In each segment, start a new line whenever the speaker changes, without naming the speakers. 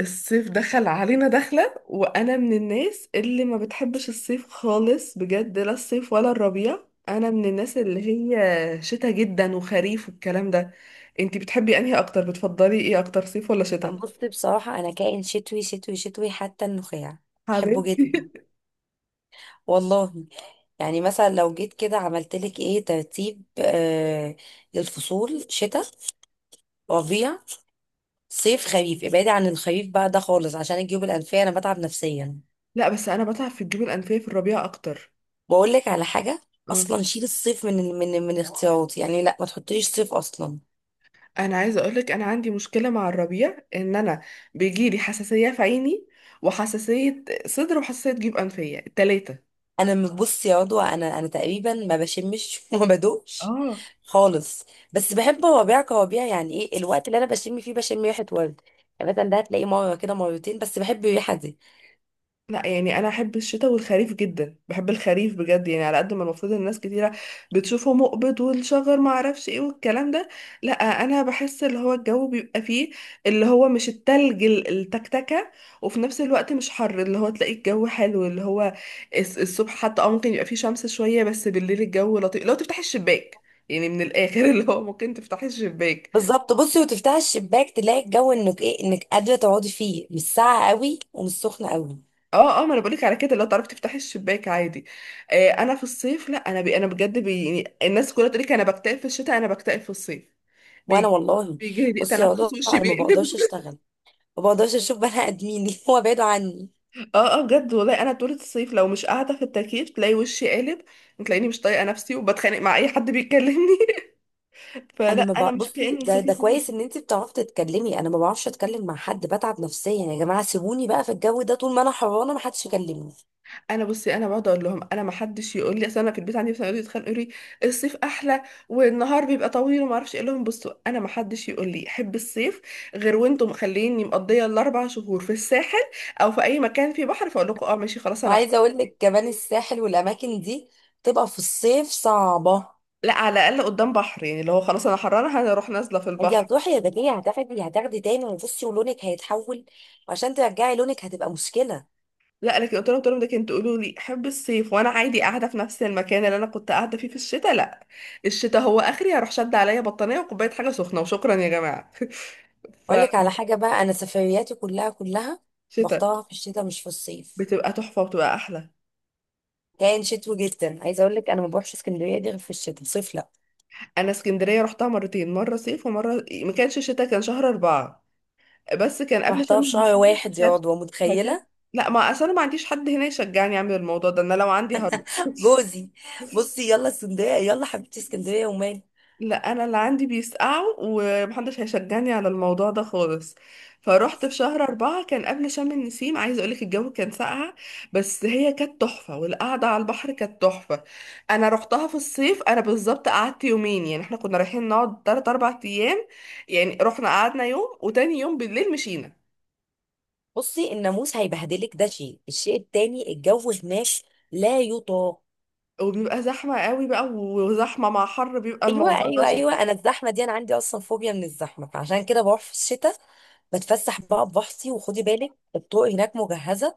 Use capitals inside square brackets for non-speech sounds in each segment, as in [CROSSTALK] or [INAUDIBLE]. الصيف دخل علينا دخلة وأنا من الناس اللي ما بتحبش الصيف خالص بجد. لا الصيف ولا الربيع، أنا من الناس اللي هي شتا جدا وخريف والكلام ده. انتي بتحبي أنهي أكتر؟ بتفضلي إيه أكتر، صيف ولا شتا؟
بص، بصراحة أنا كائن شتوي شتوي شتوي حتى النخاع. بحبه
حبيبتي.
جدا،
[LAUGHS]
والله. يعني مثلا لو جيت كده عملت لك إيه ترتيب للفصول: شتاء، ربيع، صيف، خريف. ابعدي عن الخريف بقى ده خالص، عشان الجيوب الأنفية أنا بتعب نفسيا.
لا بس أنا بتعب في الجيوب الأنفية في الربيع أكتر.
بقول لك على حاجة،
اه
أصلا شيل الصيف من اختياراتي، يعني لا، ما تحطليش صيف أصلا.
أنا عايزة أقولك، أنا عندي مشكلة مع الربيع إن أنا بيجيلي حساسية في عيني، وحساسية صدر، وحساسية جيوب أنفية، التلاتة.
بص يا عضوة، انا تقريبا ما بشمش [LAUGHS] وما بدوقش
اه.
خالص. بس بحب وبيع كوابيع، يعني ايه الوقت اللي انا بشم فيه، بشم ريحه ورد. يعني مثلا ده هتلاقيه مره كده، مرتين بس، بحب الريحه دي.
لا يعني انا احب الشتاء والخريف جدا، بحب الخريف بجد، يعني على قد ما المفروض الناس كتيره بتشوفه مقبض والشجر ما اعرفش ايه والكلام ده، لا. انا بحس اللي هو الجو بيبقى فيه، اللي هو مش التلج، التكتكه، وفي نفس الوقت مش حر، اللي هو تلاقي الجو حلو. اللي هو الصبح حتى ممكن يبقى فيه شمس شويه، بس بالليل الجو لطيف لو تفتحي الشباك. يعني من الاخر، [LAUGHS] اللي هو ممكن تفتحي الشباك.
بالظبط. بصي وتفتح الشباك تلاقي الجو انك ايه، انك قادره تقعدي فيه، مش ساقعه قوي ومش سخنه قوي.
اه اه، ما انا بقولك على كده، لو تعرفي تفتحي الشباك عادي. انا في الصيف لا، انا بجد بي، يعني الناس كلها تقولك انا بكتئب في الشتاء، انا بكتئب في الصيف.
وانا
بيجي
والله.
بيجي لي
بصي يا
تنفس
عضوة،
وشي
انا ما
بيقلب.
بقدرش
[LAUGHS]
اشتغل، ما بقدرش اشوف بني ادمين [LAUGHS] هو بعيد عني.
اه اه، بجد والله انا طول الصيف لو مش قاعده في التكييف تلاقي وشي قالب، تلاقيني مش طايقه نفسي وبتخانق مع اي حد بيكلمني. [LAUGHS] فلا
انا ما
انا
بع...
مش
بصي،
كائن
ده
صيفي
ده كويس
خالص.
ان انت بتعرفي تتكلمي، انا ما بعرفش اتكلم مع حد، بتعب نفسيا. يا جماعه، سيبوني بقى في الجو ده، طول ما انا حرانه ما حدش يكلمني.
انا بصي، انا بقعد اقول لهم انا، ما حدش يقول لي، اصل انا في البيت عندي مثلا يقعدوا يتخانقوا يقولوا لي الصيف احلى والنهار بيبقى طويل وما اعرفش إيه، اقول لهم بصوا انا ما حدش يقول لي احب الصيف غير وانتم مخليني مقضيه الاربع شهور في الساحل او في اي مكان فيه بحر، فاقول لكم اه ماشي خلاص.
وعايزه اقول لك كمان، الساحل والاماكن دي تبقى في الصيف صعبه.
لا على الاقل قدام بحر، يعني لو خلاص انا حرانه هروح نازله في
انت
البحر.
هتروحي يا بديه هتاخدي تاني، وبصي ولونك هيتحول، وعشان ترجعي لونك هتبقى مشكله.
لا لكن قلت لهم ده كنت تقولوا لي احب الصيف وانا عادي قاعده في نفس المكان اللي انا كنت قاعده فيه في الشتاء، لا. الشتاء هو اخري هروح شد عليا بطانيه وكوبايه حاجه سخنه وشكرا يا جماعه. [LAUGHS] ف
اقول لك على حاجه بقى، انا سفرياتي كلها كلها
شتاء
بختارها في الشتاء، مش في الصيف.
بتبقى تحفة وبتبقى أحلى.
كان شتوي جدا. عايزه اقول لك انا ما بروحش اسكندريه دي غير في الشتاء، صيف لا.
أنا اسكندرية رحتها مرتين، مرة صيف ومرة ما كانش شتاء، كان شهر أربعة بس كان قبل
رحتها
شم
في شهر
النسيم.
واحد يا
كانت
رضوى،
فكانت
متخيله؟
لا، ما أصل أنا ما عنديش حد هنا يشجعني أعمل الموضوع ده، أنا لو عندي هروح. [LAUGHS]
جوزي، بصي يلا اسكندريه، يلا حبيبتي، اسكندريه ومال.
لا انا اللي عندي بيسقعوا ومحدش هيشجعني على الموضوع ده خالص. فروحت في شهر أربعة كان قبل شم النسيم، عايزة أقولك الجو كان ساقعة بس هي كانت تحفة، والقعدة على البحر كانت تحفة. أنا روحتها في الصيف، أنا بالظبط قعدت يومين، يعني احنا كنا رايحين نقعد تلات أربع أيام، يعني رحنا قعدنا يوم وتاني يوم بالليل مشينا.
بصي، الناموس هيبهدلك، ده شيء. الشيء التاني، الجو هناك لا يطاق.
وبيبقى زحمة قوي بقى، وزحمة مع حر بيبقى
ايوه،
الموضوع
ايوه،
بشع.
ايوه، انا الزحمه دي انا عندي اصلا فوبيا من الزحمه، فعشان كده بروح في الشتاء، بتفسح بقى ببحثي. وخدي بالك الطرق هناك مجهزه،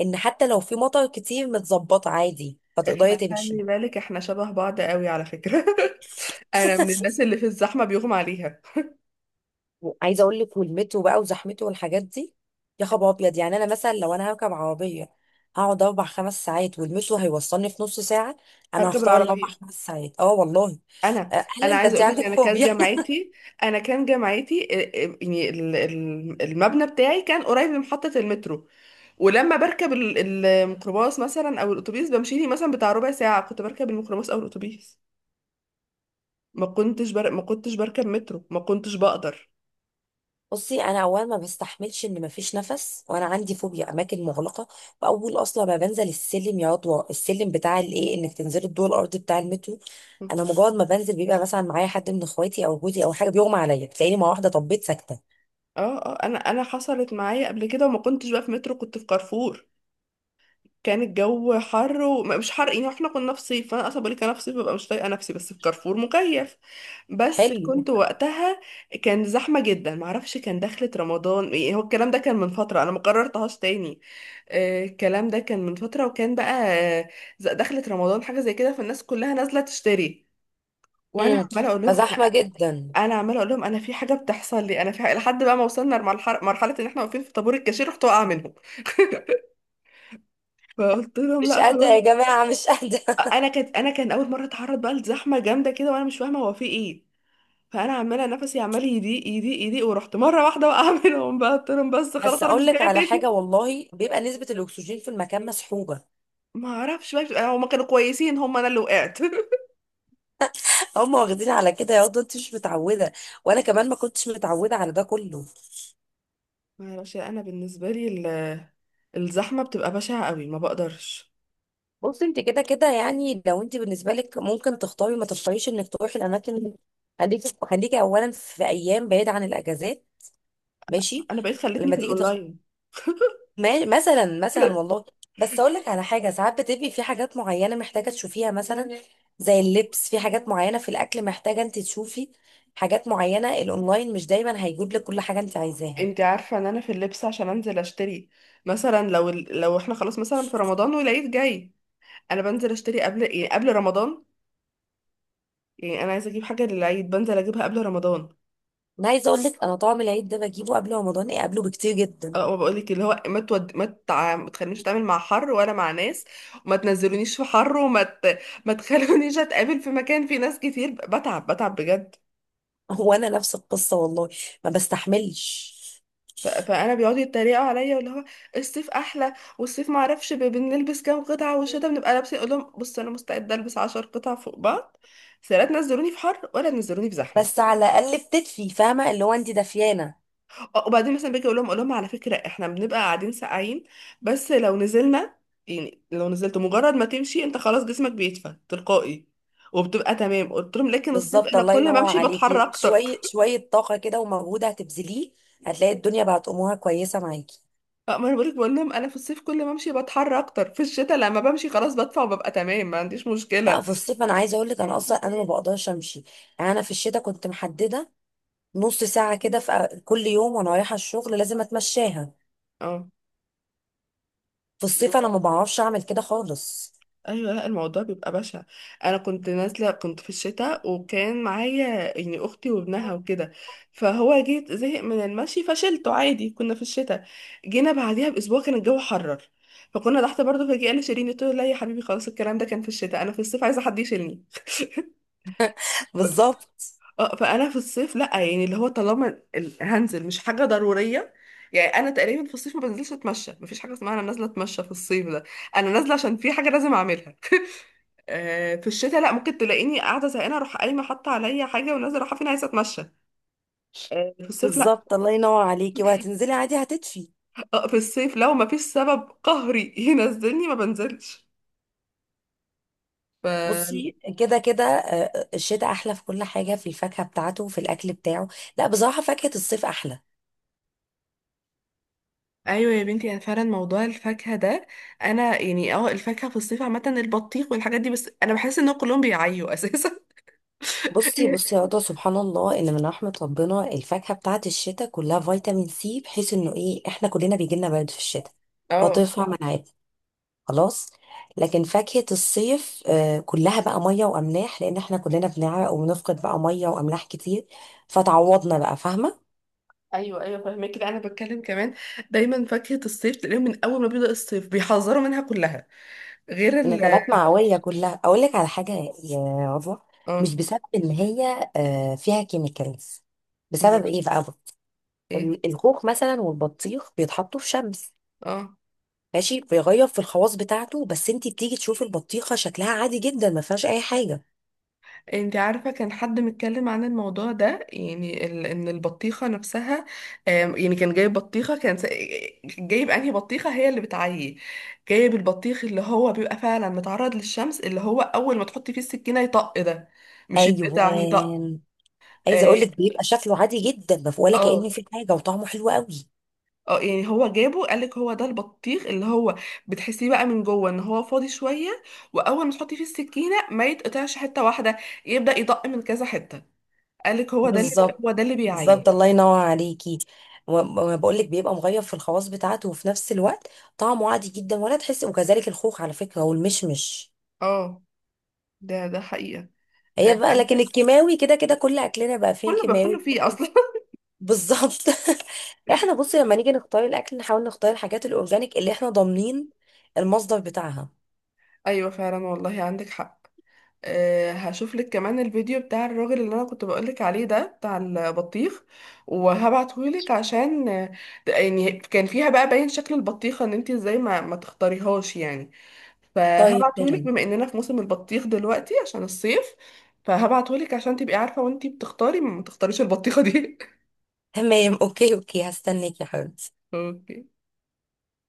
ان حتى لو في مطر كتير متظبطه عادي فتقدري
احنا
تمشي.
خلي بالك احنا شبه بعض قوي على فكرة. [LAUGHS] أنا من الناس
[LAUGHS]
اللي في الزحمة بيغمى عليها.
عايزه اقول لك، ولمته بقى وزحمته والحاجات دي، يا خبر ابيض! يعني انا مثلا لو انا هركب عربيه هقعد 4 5 ساعات، ولمته هيوصلني في نص ساعه، انا
هركب
هختار الاربع
العربية.
خمس ساعات اه والله.
انا
اهلا، ده
عايزه
انت
اقول لك،
عندك
انا كان
فوبيا.
جامعتي. يعني المبنى بتاعي كان قريب من محطه المترو، ولما بركب الميكروباص مثلا او الاتوبيس، بمشي لي مثلا بتاع ربع ساعه كنت بركب الميكروباص او الاتوبيس. ما كنتش بركب مترو، ما كنتش بقدر.
[LAUGHS] بصي، انا اولا ما بستحملش ان مفيش نفس، وانا عندي فوبيا اماكن مغلقه. واول اصلا ما بنزل السلم، يا عضوة السلم بتاع الايه، انك تنزلي الدور الارضي بتاع المترو، انا مجرد ما بنزل بيبقى مثلا معايا حد من اخواتي او جوزي او حاجه، بيغمى عليا، تلاقيني مره واحده طبيت ساكته.
اه اه، انا حصلت معايا قبل كده وما كنتش بقى في مترو، كنت في كارفور. كان الجو حر ومش حر، يعني احنا كنا في صيف، فانا اصلا بقولك انا في صيف ببقى مش طايقه نفسي، بس في كارفور مكيف بس
حلو.
كنت وقتها كان زحمه جدا. معرفش كان دخلة رمضان يعني، هو الكلام ده كان من فتره انا ما قررتهاش تاني. الكلام ده كان من فتره وكان بقى آه، دخلة رمضان حاجه زي كده، فالناس كلها نازله تشتري، وانا
امم
عماله اقول لهم
فزحمة
انا
جدا.
أنا عماله اقول لهم انا في حاجه بتحصل لي، انا في حاجة، لحد بقى ما وصلنا مرحله ان احنا واقفين في طابور الكاشير رحت واقعه منهم. [LAUGHS] فقلت لهم
مش
لا
قادرة يا
خلاص.
جماعة، مش قادرة.
انا كان اول مره اتعرض بقى لزحمه جامده كده وانا مش فاهمه هو في ايه، فانا عماله نفسي عمال يضيق يضيق يضيق ورحت مره واحده وقع منهم. [LAUGHS] بقى قلت لهم بس
[LAUGHS]
خلاص
بس
انا
اقول
مش
لك
جايه
على
تاني.
حاجة، والله بيبقى نسبة الاكسجين في المكان مسحوبة.
ما اعرفش بقى، هما كانوا كويسين، هما انا اللي وقعت. [LAUGHS]
هم واخدين على كده، يا واد انت مش متعودة، وانا كمان ما كنتش متعودة على ده كله.
ما اعرفش انا بالنسبه لي الزحمه بتبقى بشعه قوي، ما بقدرش.
بصي، انت كده كده، يعني لو انت بالنسبة لك ممكن تختاري ما تختاريش انك تروحي الاماكن، خليكي خليكي اولا في ايام بعيدة عن الاجازات، ماشي.
انا بقيت خلتني
لما
في
تيجي،
الاونلاين.
مثلا والله، بس اقول لك على حاجه، ساعات بتبقي في حاجات معينه محتاجه تشوفيها، مثلا زي اللبس في حاجات معينه، في الاكل محتاجه انت تشوفي حاجات معينه، الاونلاين مش دايما هيجيب لك كل حاجه انت عايزاها.
انت عارفه ان انا في اللبس عشان انزل اشتري، مثلا لو لو احنا خلاص مثلا في رمضان والعيد جاي، انا بنزل اشتري قبل ايه، قبل رمضان. يعني انا عايزه اجيب حاجه للعيد بنزل اجيبها قبل رمضان.
انا عايزه اقول لك، انا طعم العيد ده بجيبه قبل رمضان، ايه قبله بكتير جدا.
اه ما بقولك اللي هو ما تود... ما, تع... ما تخلينيش اتعامل مع حر ولا مع ناس، وما تنزلونيش في حر، ما تخلونيش اتقابل في مكان فيه ناس كتير، بتعب بجد.
[LAUGHS] هو انا نفس القصه، والله ما بستحملش.
فانا بيقعدوا يتريقوا عليا واللي هو الصيف احلى والصيف ما اعرفش بنلبس كام قطعه والشتا بنبقى لابسين، اقول لهم بص انا مستعده البس 10 قطع فوق بعض، بس لا تنزلوني في حر ولا تنزلوني في زحمه.
بس على الاقل بتدفي، فاهمه، اللي هو انت دافيانه.
اه وبعدين مثلا باجي اقول لهم على فكره احنا بنبقى قاعدين ساقعين، بس لو نزلنا، يعني لو نزلت، مجرد ما تمشي انت خلاص جسمك بيدفى تلقائي وبتبقى تمام، قلت لهم لكن الصيف
بالظبط،
انا
الله
كل ما
ينور
امشي بتحر
عليكي.
اكتر.
شويه
[LAUGHS]
شويه طاقه كده ومجهود هتبذليه، هتلاقي الدنيا بقت امورها كويسه معاكي.
اه ما انا بقولك، بقول لهم انا في الصيف كل ما امشي بتحر اكتر، في الشتاء لما بمشي خلاص بدفى وببقى تمام ما عنديش مشكله.
لا، في الصيف انا عايزه اقول لك، انا اصلا انا ما بقدرش امشي. يعني انا في الشتاء كنت محدده نص ساعه كده في كل يوم، وانا رايحه الشغل لازم اتمشاها.
اه،
في الصيف انا ما بعرفش اعمل كده خالص.
ايوه لا الموضوع بيبقى بشع. انا كنت نازله كنت في الشتاء وكان معايا، يعني اختي وابنها وكده، فهو جيت زهق من المشي فشلته عادي كنا في الشتاء. جينا بعديها باسبوع كان الجو حرر، فكنا تحت برضه فجأة قال لي شيليني، قلت له لا يا حبيبي خلاص، الكلام ده كان في الشتاء، انا في الصيف عايزه حد يشيلني.
[LAUGHS]
ف-
بالظبط،
اه، فانا في الصيف لا، يعني اللي هو طالما هنزل مش حاجه ضروريه، يعني انا تقريبا في الصيف ما بنزلش اتمشى، مفيش حاجه اسمها انا نازله اتمشى في الصيف ده، انا نازله عشان في حاجه لازم اعملها. آه، في الشتاء لا، ممكن تلاقيني قاعده زهقانه اروح قايمه حاطه عليا حاجه ونازله رايحه فين، عايزه اتمشى. آه، في الصيف لا.
بالظبط، الله ينور عليكي. وهتنزلي عادي هتدفي.
آه، في الصيف لو ما فيش سبب قهري [LAUGHS] ينزلني ما بنزلش. ف
بصي، كده كده الشتاء احلى في كل حاجه، في الفاكهه بتاعته وفي الاكل بتاعه. لا بصراحه، فاكهه الصيف احلى.
ايوه يا بنتي، انا فعلا موضوع الفاكهه ده، انا يعني اه الفاكهه في الصيف عامه البطيخ والحاجات دي، بس انا بحس ان كلهم بيعيوا اساسا.
بصي
[LAUGHS]
بصي يا هدى، سبحان الله، ان من رحمة ربنا الفاكهة بتاعت الشتاء كلها فيتامين سي، بحيث انه ايه احنا كلنا بيجيلنا برد في الشتاء
اه
فطرفها مناعات، خلاص. لكن فاكهة الصيف كلها بقى مية واملاح، لان احنا كلنا بنعرق وبنفقد بقى مية واملاح كتير، فتعوضنا بقى، فاهمة.
ايوه ايوه فاهمه كده، انا بتكلم كمان دايما فاكهه الصيف تلاقيهم من اول ما بيبدا الصيف بيحذروا منها كلها غير ال.
نزلات معوية كلها. اقول لك على حاجة يا عضوة، مش
اه
بسبب ان هي فيها كيميكالز،
م-
بسبب ايه بقى؟
ايه.
الخوخ مثلا والبطيخ بيتحطوا في شمس،
اه.
ماشي، بيغير في الخواص بتاعته، بس انت بتيجي تشوفي البطيخه شكلها عادي جدا ما فيهاش اي حاجه.
انت عارفة كان حد متكلم عن الموضوع ده، يعني ان البطيخة نفسها، يعني كان جايب بطيخة، جايب انهي بطيخة هي اللي بتعيي، جايب البطيخ اللي هو بيبقى فعلا متعرض للشمس، اللي هو اول ما تحطي فيه السكينة يطق ده، مش يتقطع يطق.
ايوان، عايزه اقول
اه
لك بيبقى شكله عادي جدا، ما في- ولا كأن
اه.
في حاجه، وطعمه حلو قوي.
آه، يعني هو جابه قالك هو ده البطيخ اللي هو بتحسيه بقى من جوه ان هو فاضي شوية، واول ما تحطي فيه السكينة ما يتقطعش حتة واحدة، يبدأ يطق من كذا حتة، قالك هو ده اللي
بالظبط،
هو ده اللي بيعيي.
بالظبط، الله ينور عليكي. بقول لك بيبقى مغير في الخواص بتاعته، وفي نفس الوقت طعمه عادي جدا ولا تحس، وكذلك الخوخ على فكره، والمشمش
اه ده حقيقة.
هي
آه، [LAUGHS]
بقى.
عندي
لكن الكيماوي كده كده، كل اكلنا بقى فين
كله باكله
كيماوي.
فيه اصلا.
بالظبط. [LAUGHS] احنا بصي، لما نيجي نختار الاكل نحاول نختار الحاجات الاورجانيك اللي احنا ضامنين المصدر بتاعها.
[LAUGHS] ايوه فعلا والله عندك حق. أه هشوف لك كمان الفيديو بتاع الراجل اللي انا كنت بقولك عليه ده بتاع البطيخ وهبعته لك عشان آه، يعني كان فيها بقى باين شكل البطيخة ان انت ازاي ما تختاريهاش يعني،
طيب،
فهبعته لك
تمام،
بما اننا في موسم البطيخ دلوقتي عشان الصيف، فهبعته لك عشان تبقي عارفة وانت بتختاري ما تختاريش البطيخة دي.
تمام. اوكي، اوكي، هستناك يا حبيبتي.
[LAUGHS] اوكي.